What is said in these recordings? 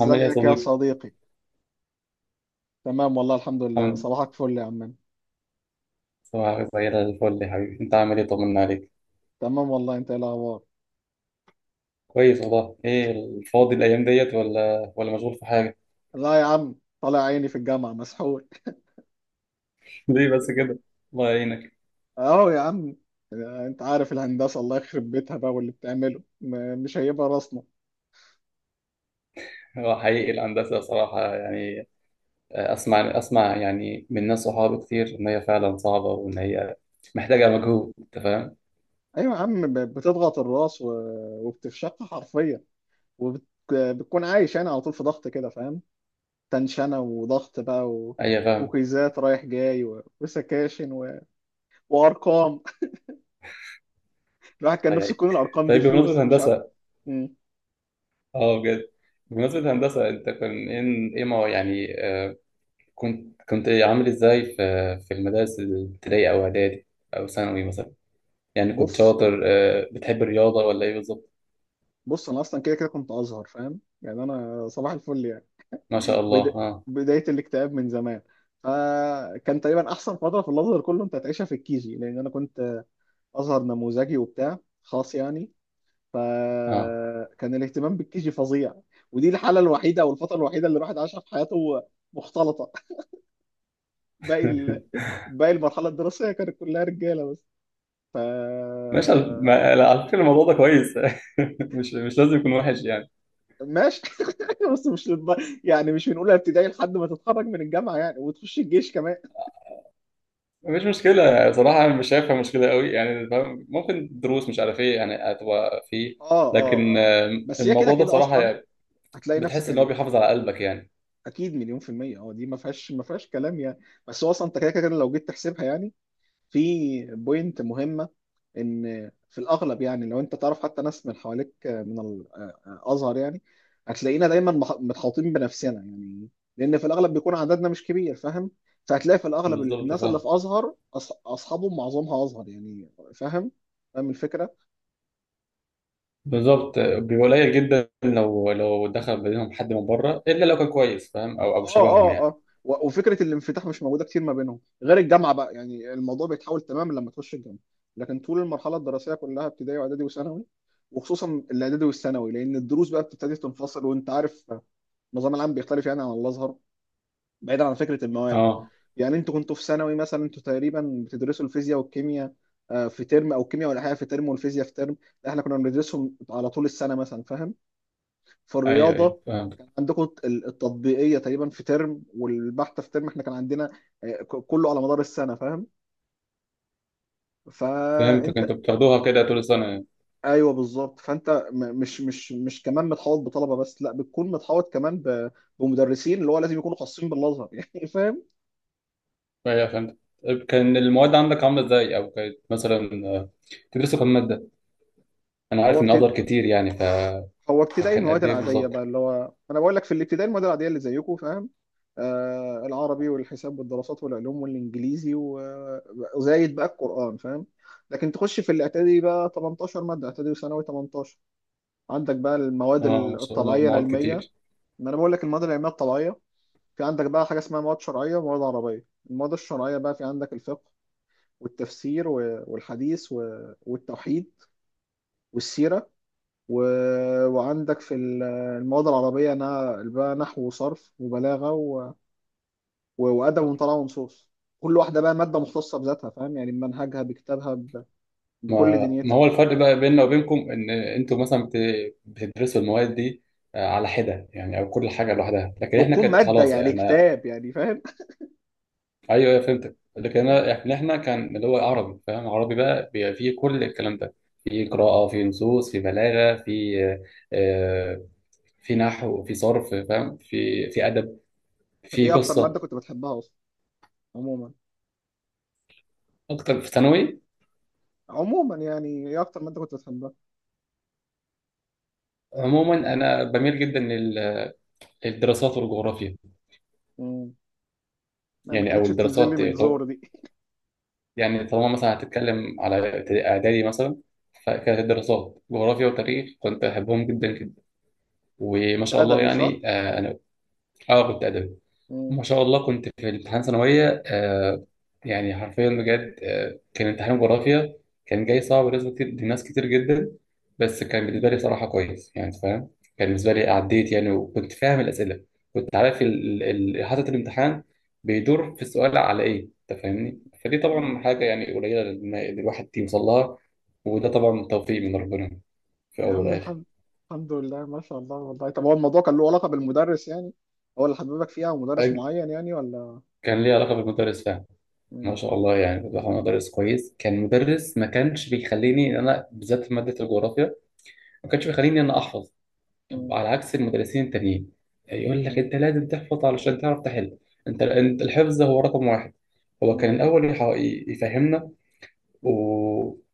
عامل ايه يا يا صديقي؟ صديقي. تمام والله الحمد لله، الحمد. صباحك فل يا عم. صباحك زي الفل يا حبيبي، انت عامل ايه طمنا عليك؟ تمام والله، انت ايه الاخبار؟ كويس والله، ايه الفاضي الأيام ديت ولا مشغول في حاجة؟ لا يا عم، طالع عيني في الجامعه مسحول. ليه بس كده؟ الله يعينك. اهو يا عم، انت عارف الهندسه، الله يخرب بيتها بقى، واللي بتعمله مش هيبقى راسنا. هو حقيقي الهندسة صراحة يعني أسمع يعني من ناس صحابي كتير إن هي فعلا صعبة وإن هي محتاجة مجهود، أنت فاهم؟ ايوه يا عم، بتضغط الراس وبتفشخها حرفيا. وبتكون عايش يعني على طول في ضغط كده فاهم. تنشنه وضغط بقى. أيوة فاهم. ومقيسات رايح جاي وسكاشن وارقام. الواحد كان الله نفسه تكون يعينك. الارقام دي طيب بمناسبة فلوس، مش عارف. الهندسة، مم. أه بجد، بمناسبة الهندسة أنت كان إيه ما يعني كنت عامل ازاي في في المدارس الابتدائي او اعدادي او ثانوي مثلا يعني كنت بص شاطر بتحب الرياضه ولا ايه بالظبط؟ بص، انا اصلا كده كده كنت ازهر، فاهم يعني، انا صباح الفل يعني. ما شاء الله. بدا... اه. بدايه الاكتئاب من زمان. فكان تقريبا احسن فتره في الازهر كله انت هتعيشها في الكيجي، لان انا كنت ازهر نموذجي وبتاع خاص يعني. اه. فكان الاهتمام بالكيجي فظيع. ودي الحاله الوحيده او الفتره الوحيده اللي الواحد عاشها في حياته مختلطه. باقي ال... باقي المرحله الدراسيه كانت كلها رجاله بس. ف ماشي على لا، على فكره الموضوع ده كويس. مش لازم يكون وحش يعني. ماشي. بس مش للد... يعني مش من اولى ابتدائي لحد ما تتخرج من الجامعه يعني وتخش الجيش كمان. مفيش مشكله بصراحه، انا مش شايفها مشكله قوي يعني فاهم؟ ممكن دروس مش عارف ايه يعني هتبقى فيه، اه اه لكن اه، بس هي كده الموضوع ده كده اصلا، بصراحه هتلاقي نفسك بتحس ان هو يعني. بيحافظ على قلبك يعني. اكيد مليون في الميه، اه دي ما فيهاش كلام يعني. بس هو اصلا انت كده كده لو جيت تحسبها يعني، في بوينت مهمه، ان في الاغلب يعني لو انت تعرف حتى ناس من حواليك من الازهر يعني، هتلاقينا دايما متحوطين بنفسنا يعني. لان في الاغلب بيكون عددنا مش كبير فاهم. فهتلاقي في الاغلب بالظبط. الناس اللي في ازهر، اصحابهم معظمها ازهر يعني فاهم. فاهم الفكره. بالظبط بيبقى قليل جدا لو دخل بينهم حد من بره الا لو كان كويس فاهم او اه شبههم اه يعني. اه، وفكره الانفتاح مش موجوده كتير ما بينهم غير الجامعه بقى. يعني الموضوع بيتحول تماما لما تخش الجامعه. لكن طول المرحله الدراسيه كلها، ابتدائي واعدادي وثانوي، وخصوصا الاعدادي والثانوي، لان الدروس بقى بتبتدي تنفصل، وانت عارف النظام العام بيختلف يعني عن الازهر. بعيدا عن فكره المواد، اه. يعني انتوا كنتوا في ثانوي مثلا، انتوا تقريبا بتدرسوا الفيزياء والكيمياء في ترم، او الكيمياء والاحياء في ترم والفيزياء في ترم. لا، احنا كنا بندرسهم على طول السنه مثلا فاهم. ايوه ايوه فالرياضه فهمت. عندكم التطبيقيه تقريبا في ترم والبحث في ترم، احنا كان عندنا كله على مدار السنه فاهم. فهمتك فانت، انت بتاخدوها كده طول السنه يعني. ايوه بالظبط، فانت مش كمان متحوط بطلبه بس، لا، بتكون متحوط كمان بمدرسين اللي هو لازم يكونوا خاصين بالازهر يعني فاهم. ايوه فهمت. طيب كان المواد عندك عامله ازاي او كانت مثلا تدرسوا كم ماده؟ انا هو عارف ان ازهر بت- كتير يعني هو ابتدائي فكان المواد قد ايه العادية بالظبط؟ بقى، اللي هو أنا بقول لك، في الابتدائي المواد العادية اللي زيكم فاهم. العربي والحساب والدراسات والعلوم والإنجليزي وزايد بقى القرآن فاهم. لكن تخش في الإعدادي بقى 18 مادة، إعدادي وثانوي 18. عندك بقى المواد اه ما شاء الله الطبيعية مواد العلمية، كتير. ما أنا بقول لك المواد العلمية الطبيعية. في عندك بقى حاجة اسمها مواد شرعية ومواد عربية. المواد الشرعية بقى، في عندك الفقه والتفسير والحديث والتوحيد والسيرة و... وعندك في المواد العربية أنا بقى، نحو وصرف وبلاغة وأدب وطلع ونصوص. كل واحدة بقى مادة مختصة بذاتها فاهم يعني، بمنهجها بكتابها بكل ما ما دنيتها، هو الفرق بقى بيننا وبينكم ان انتوا مثلا بتدرسوا المواد دي على حده يعني او كل حاجه لوحدها، لكن احنا وتكون كانت مادة خلاص يعني انا كتاب يعني فاهم. ايوه ايوه فهمتك، لكن انا احنا كان اللي هو عربي، فاهم عربي بقى بيبقى فيه كل الكلام ده، في قراءة في نصوص في بلاغة في آه، في نحو في صرف فاهم في في أدب طب في إيه أكتر مادة قصة. كنت بتحبها أصلا، عموما؟ أكتر في ثانوي عموما يعني، إيه أكتر مادة كنت بتحبها؟ عموما أنا بميل جدا للدراسات والجغرافيا. مم. لا، ما يعني أو كانتش بتنزل لي الدراسات من زور دي. يعني طالما مثلا هتتكلم على إعدادي مثلا فكانت الدراسات جغرافيا وتاريخ كنت أحبهم جدا جدا، وما كنت شاء الله أدبي صح؟ يعني أنا أه كنت أدبي. مم. ما شاء الله كنت في امتحان ثانوية آه، يعني حرفيا بجد آه كان امتحان جغرافيا كان جاي صعب بالنسبة كتير لناس كتير جدا، بس كان بالنسبة لي صراحة كويس يعني أنت فاهم، كان بالنسبة لي عديت يعني وكنت فاهم الأسئلة، كنت عارف حاطط الامتحان بيدور في السؤال على إيه أنت فاهمني، فدي مم. طبعا حاجة يعني قليلة للواحد يوصل لها، وده طبعا توفيق من ربنا في يا الأول عم والآخر. الحمد، الحمد لله، ما شاء الله والله. طب هو الموضوع كان له علاقة بالمدرس يعني، هو اللي حببك فيها ومدرس أج- معين يعني، ولا؟ كان ليه علاقة بالمدرس فعلا. ما مم. شاء الله يعني بصراحة مدرس كويس، كان مدرس ما كانش بيخليني إن أنا بالذات في مادة الجغرافيا ما كانش بيخليني إن أنا أحفظ. مم. على عكس المدرسين التانيين يقول لك مم. أنت لازم تحفظ علشان تعرف تحل. أنت الحفظ هو رقم واحد. هو مم. كان الأول يفهمنا، و... مم.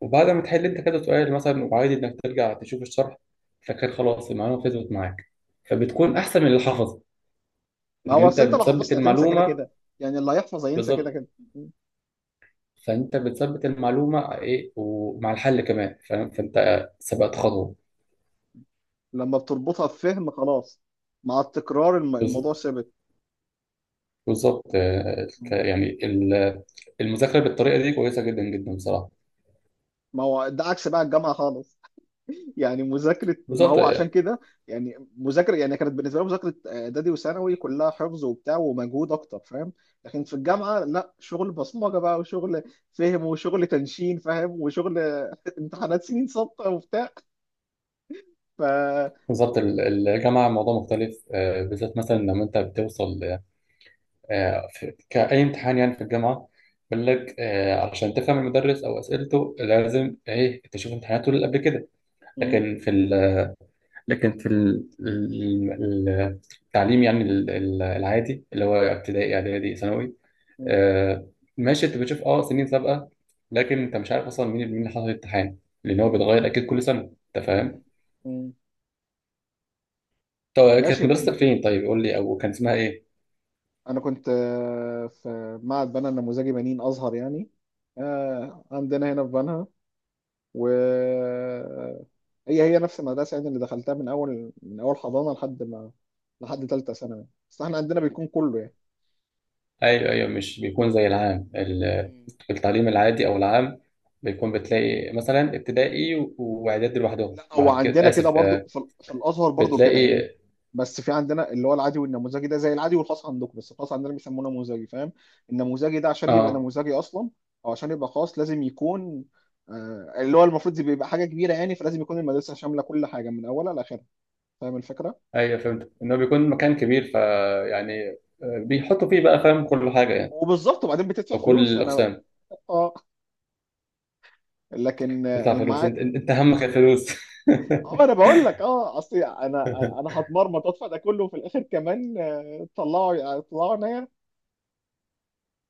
وبعد ما تحل أنت كذا سؤال مثلا، وعادي إنك ترجع تشوف الشرح، فكان خلاص المعلومة فضلت معاك، فبتكون أحسن من اللي حفظ، ما اللي هو أنت اصل انت لو بتثبت حفظت هتنسى كده المعلومة. كده، يعني اللي هيحفظ هينسى كده بالظبط. كده. مم. فانت بتثبت المعلومه ايه ومع الحل كمان فاهم، فانت سبقت خطوه. لما بتربطها بفهم خلاص، مع التكرار الموضوع بز- ثابت. بالظبط مم. يعني المذاكره بالطريقه دي كويسه جدا جدا بصراحه. ما هو ده عكس بقى الجامعة خالص. يعني مذاكره، ما بالظبط هو عشان كده يعني مذاكره، يعني كانت بالنسبه لي مذاكره اعدادي وثانوي كلها حفظ وبتاع ومجهود اكتر فاهم. لكن في الجامعه لا، شغل بصمجه بقى، وشغل فهم، وشغل تنشين فاهم، وشغل امتحانات سنين سابقه وبتاع. ف بالظبط الجامعه موضوع مختلف بالذات مثلا لما انت بتوصل كاي امتحان يعني في الجامعه بيقول لك علشان تفهم المدرس او اسئلته لازم ايه تشوف امتحاناته اللي قبل كده. م- لكن في ال لكن في التعليم يعني العادي اللي هو ابتدائي اعدادي ثانوي م- آه، ماشي انت بتشوف اه سنين سابقه، لكن م- انت مش عارف اصلا مين اللي حصل الامتحان لان هو م- بيتغير اكيد كل سنه، انت فاهم. م- م. طب كانت ماشي. مدرستك فين طيب قول لي او كان اسمها ايه؟ انا كنت في معهد بنها النموذجي، بنين ازهر يعني، عندنا هنا في بنها. و هي هي نفس المدرسة يعني، اللي دخلتها من أول من أول حضانة لحد ما، لحد تالتة ثانوي، بس احنا عندنا بيكون كله يعني. ايوه ايوه مش بيكون زي العام مم. التعليم العادي او العام، بيكون بتلاقي مثلا ابتدائي واعدادي لوحدهم لا، هو بعد كده عندنا كده اسف برضو، في الأزهر برضو كده يعني. بتلاقي. بس في عندنا اللي هو العادي والنموذجي، ده زي العادي والخاص عندكم، بس الخاص عندنا بيسموه نموذجي فاهم. النموذجي ده عشان يبقى اه نموذجي أصلا، أو عشان يبقى خاص، لازم يكون اللي هو المفروض بيبقى حاجة كبيرة يعني، فلازم يكون المدرسة شاملة كل حاجة من أولها لآخرها، فاهم الفكرة. ايوه فهمت ان هو بيكون مكان كبير فيعني بيحطوا فيه بقى فاهم كل حاجه يعني وبالظبط، وبعدين بتدفع او كل فلوس، فأنا. الاقسام. اه. لكن تدفع فلوس المع. انت أنت همك الفلوس. اه، انا بقول لك، اه اصل انا، انا هتمرمط ادفع ده كله، وفي الاخر كمان طلعوا يعني طلعوا عينيا.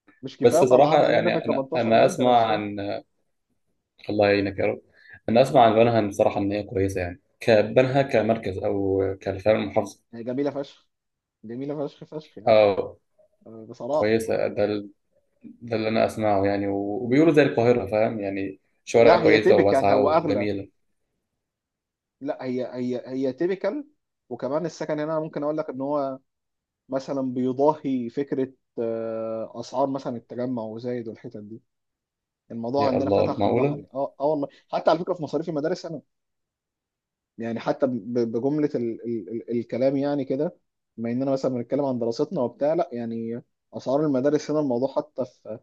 مش كفايه بس طلعنا صراحه عينينا في ال يعني انا 18 انا ماده اسمع نفسهم. عن الله يعينك يا رب، انا اسمع عن بنها صراحه ان هي كويسه يعني كبنها كمركز او كفعل المحافظه. هي جميله فشخ، جميله فشخ فشخ يعني، اه بصراحه آه. كويسه ده ده اللي انا اسمعه يعني، وبيقولوا زي القاهره فاهم يعني لا شوارع هي كويسه تيبيكال، وواسعه هو اغلى. وجميله. لا هي هي تيبيكال. وكمان السكن هنا، ممكن اقول لك ان هو مثلا بيضاهي فكره اسعار مثلا التجمع وزايد والحتت دي. الموضوع يا عندنا الله فتح على البحر معقوله. يعني. اه اه، والله حتى على فكره في مصاريف المدارس انا، يعني حتى بجملة ال الكلام يعني كده، بما اننا مثلا بنتكلم عن دراستنا وبتاع، لا يعني اسعار المدارس هنا، الموضوع حتى في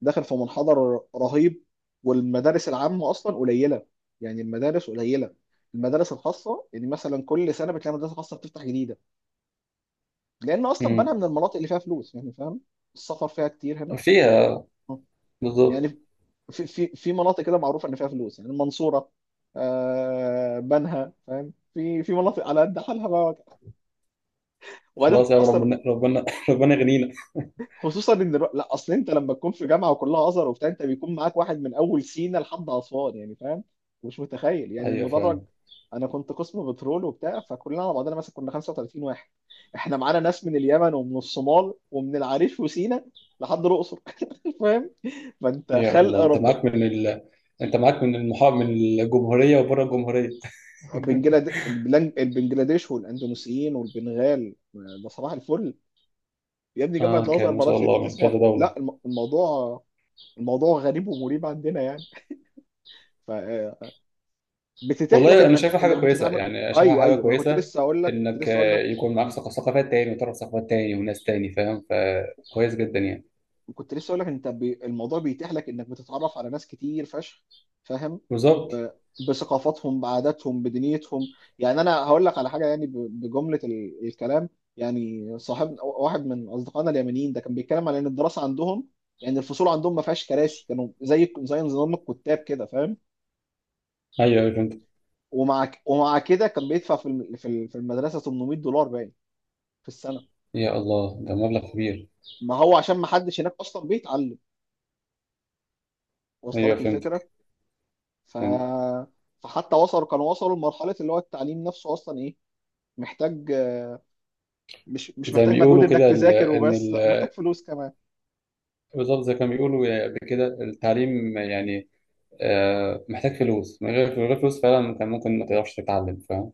داخل في منحدر رهيب. والمدارس العامة اصلا قليلة، يعني المدارس قليلة. المدارس الخاصة يعني مثلا، كل سنة بتلاقي مدرسة خاصة بتفتح جديدة، لان اصلا بنها امم. من المناطق اللي فيها فلوس يعني فاهم. السفر فيها كتير هنا فيها. آه. بالظبط. يعني في مناطق كده معروفة ان فيها فلوس، يعني المنصورة، آه بنها فاهم. في مناطق على قد حالها بقى، وبعدين خلاص يا عم اصلا، ربنا ربنا ربنا يغنينا. خصوصا ان لا اصل انت لما تكون في جامعه وكلها ازهر وبتاع، انت بيكون معاك واحد من اول سينا لحد اسوان يعني فاهم. مش متخيل يعني ايوه المدرج. فعلا. انا كنت قسم بترول وبتاع، فكلنا على بعضنا مثلا كنا 35 واحد. احنا معانا ناس من اليمن، ومن الصومال، ومن العريش وسينا، لحد الاقصر فاهم. فانت يا خلق الله انت رب. معاك من ال… انت معاك من المحا… من الجمهوريه وبره الجمهوريه. البنجلاديش والاندونيسيين والبنغال، ده صباح الفل. يا ابني جامعه اه الازهر كان ما شاء معرفش انت الله من كذا تسمع، دوله. لا، الموضوع، الموضوع غريب ومريب عندنا يعني. ف آه، بتتيح لك والله انا انك شايفها حاجه كويسه بتتعامل. يعني شايفها ايوه حاجه ايوه، ما انا كنت كويسه، لسه اقول لك، كنت انك لسه اقول لك. يكون معاك مم. ثقافات تاني وتعرف ثقافات تاني وناس تاني فاهم، فكويس جدا يعني. كنت لسه اقول لك، انت الموضوع بيتيح لك انك بتتعرف على ناس كتير فشخ فاهم. بالظبط. وبثقافاتهم، بعاداتهم، بدنيتهم. يعني انا هقول لك على حاجه يعني، بجمله الكلام يعني. صاحب واحد من اصدقائنا اليمنيين ده، كان بيتكلم على ان الدراسه عندهم، يعني الفصول عندهم ما فيهاش كراسي، كانوا زي نظام الكتاب كده فاهم. ايوه أيوة، فهمت. ومع كده كان بيدفع في في المدرسه 800 دولار باين في السنه. يا الله ده مبلغ كبير. ما هو عشان ما حدش هناك اصلا بيتعلم، واصله ايوه لك فهمتك. الفكره. ف فهمت. فحتى وصلوا، كانوا وصلوا لمرحله اللي هو التعليم نفسه اصلا ايه، محتاج، مش زي ما محتاج مجهود بيقولوا انك كده ال… تذاكر ان وبس، ال… لا، محتاج فلوس كمان. بالظبط زي ما كانوا بيقولوا كده التعليم يعني محتاج فلوس، من غير من غير فلوس فعلا كان ممكن ما تقدرش تتعلم فاهم،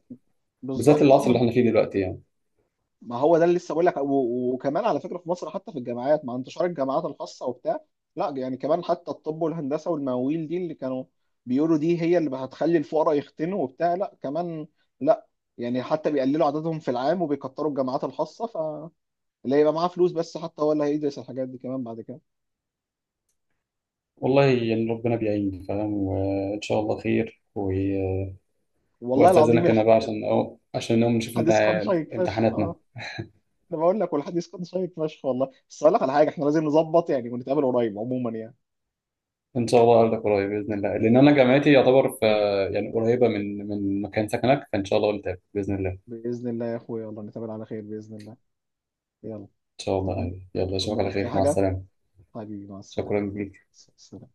بالذات بالظبط العصر اللي اه. احنا فيه دلوقتي يعني. ما هو ده اللي لسه بقول لك، وكمان على فكره في مصر، حتى في الجامعات مع انتشار الجامعات الخاصه وبتاع، لا يعني، كمان حتى الطب والهندسه والمواويل دي اللي كانوا بيقولوا دي هي اللي هتخلي الفقراء يختنوا وبتاع، لا كمان، لا، يعني حتى بيقللوا عددهم في العام وبيكتروا الجامعات الخاصه، فاللي هيبقى معاه فلوس بس حتى هو اللي هيدرس الحاجات دي كمان بعد كده. والله يعني ربنا بيعين فاهم، وان شاء الله خير و… والله العظيم واستاذنك انا بقى عشان أو… عشان نقوم نشوف امت… الحديث كان شيق فشخ امتحاناتنا. آه. انا بقول لك، والحديث كان شيق فشخ والله، بس اقول لك على حاجه، احنا لازم نظبط يعني ونتقابل قريب عموما يعني. ان شاء الله اقابلك قريب باذن الله، لان انا جامعتي يعتبر في يعني قريبه من من مكان سكنك، فان شاء الله قلت باذن الله ان باذن الله يا اخويا، والله نتقابل على خير باذن الله. يلا، شاء طمن، الله. يلا اشوفك على طمني بأي خير مع حاجة السلامه. حبيبي، مع السلامة. شكرا ليك. سلام.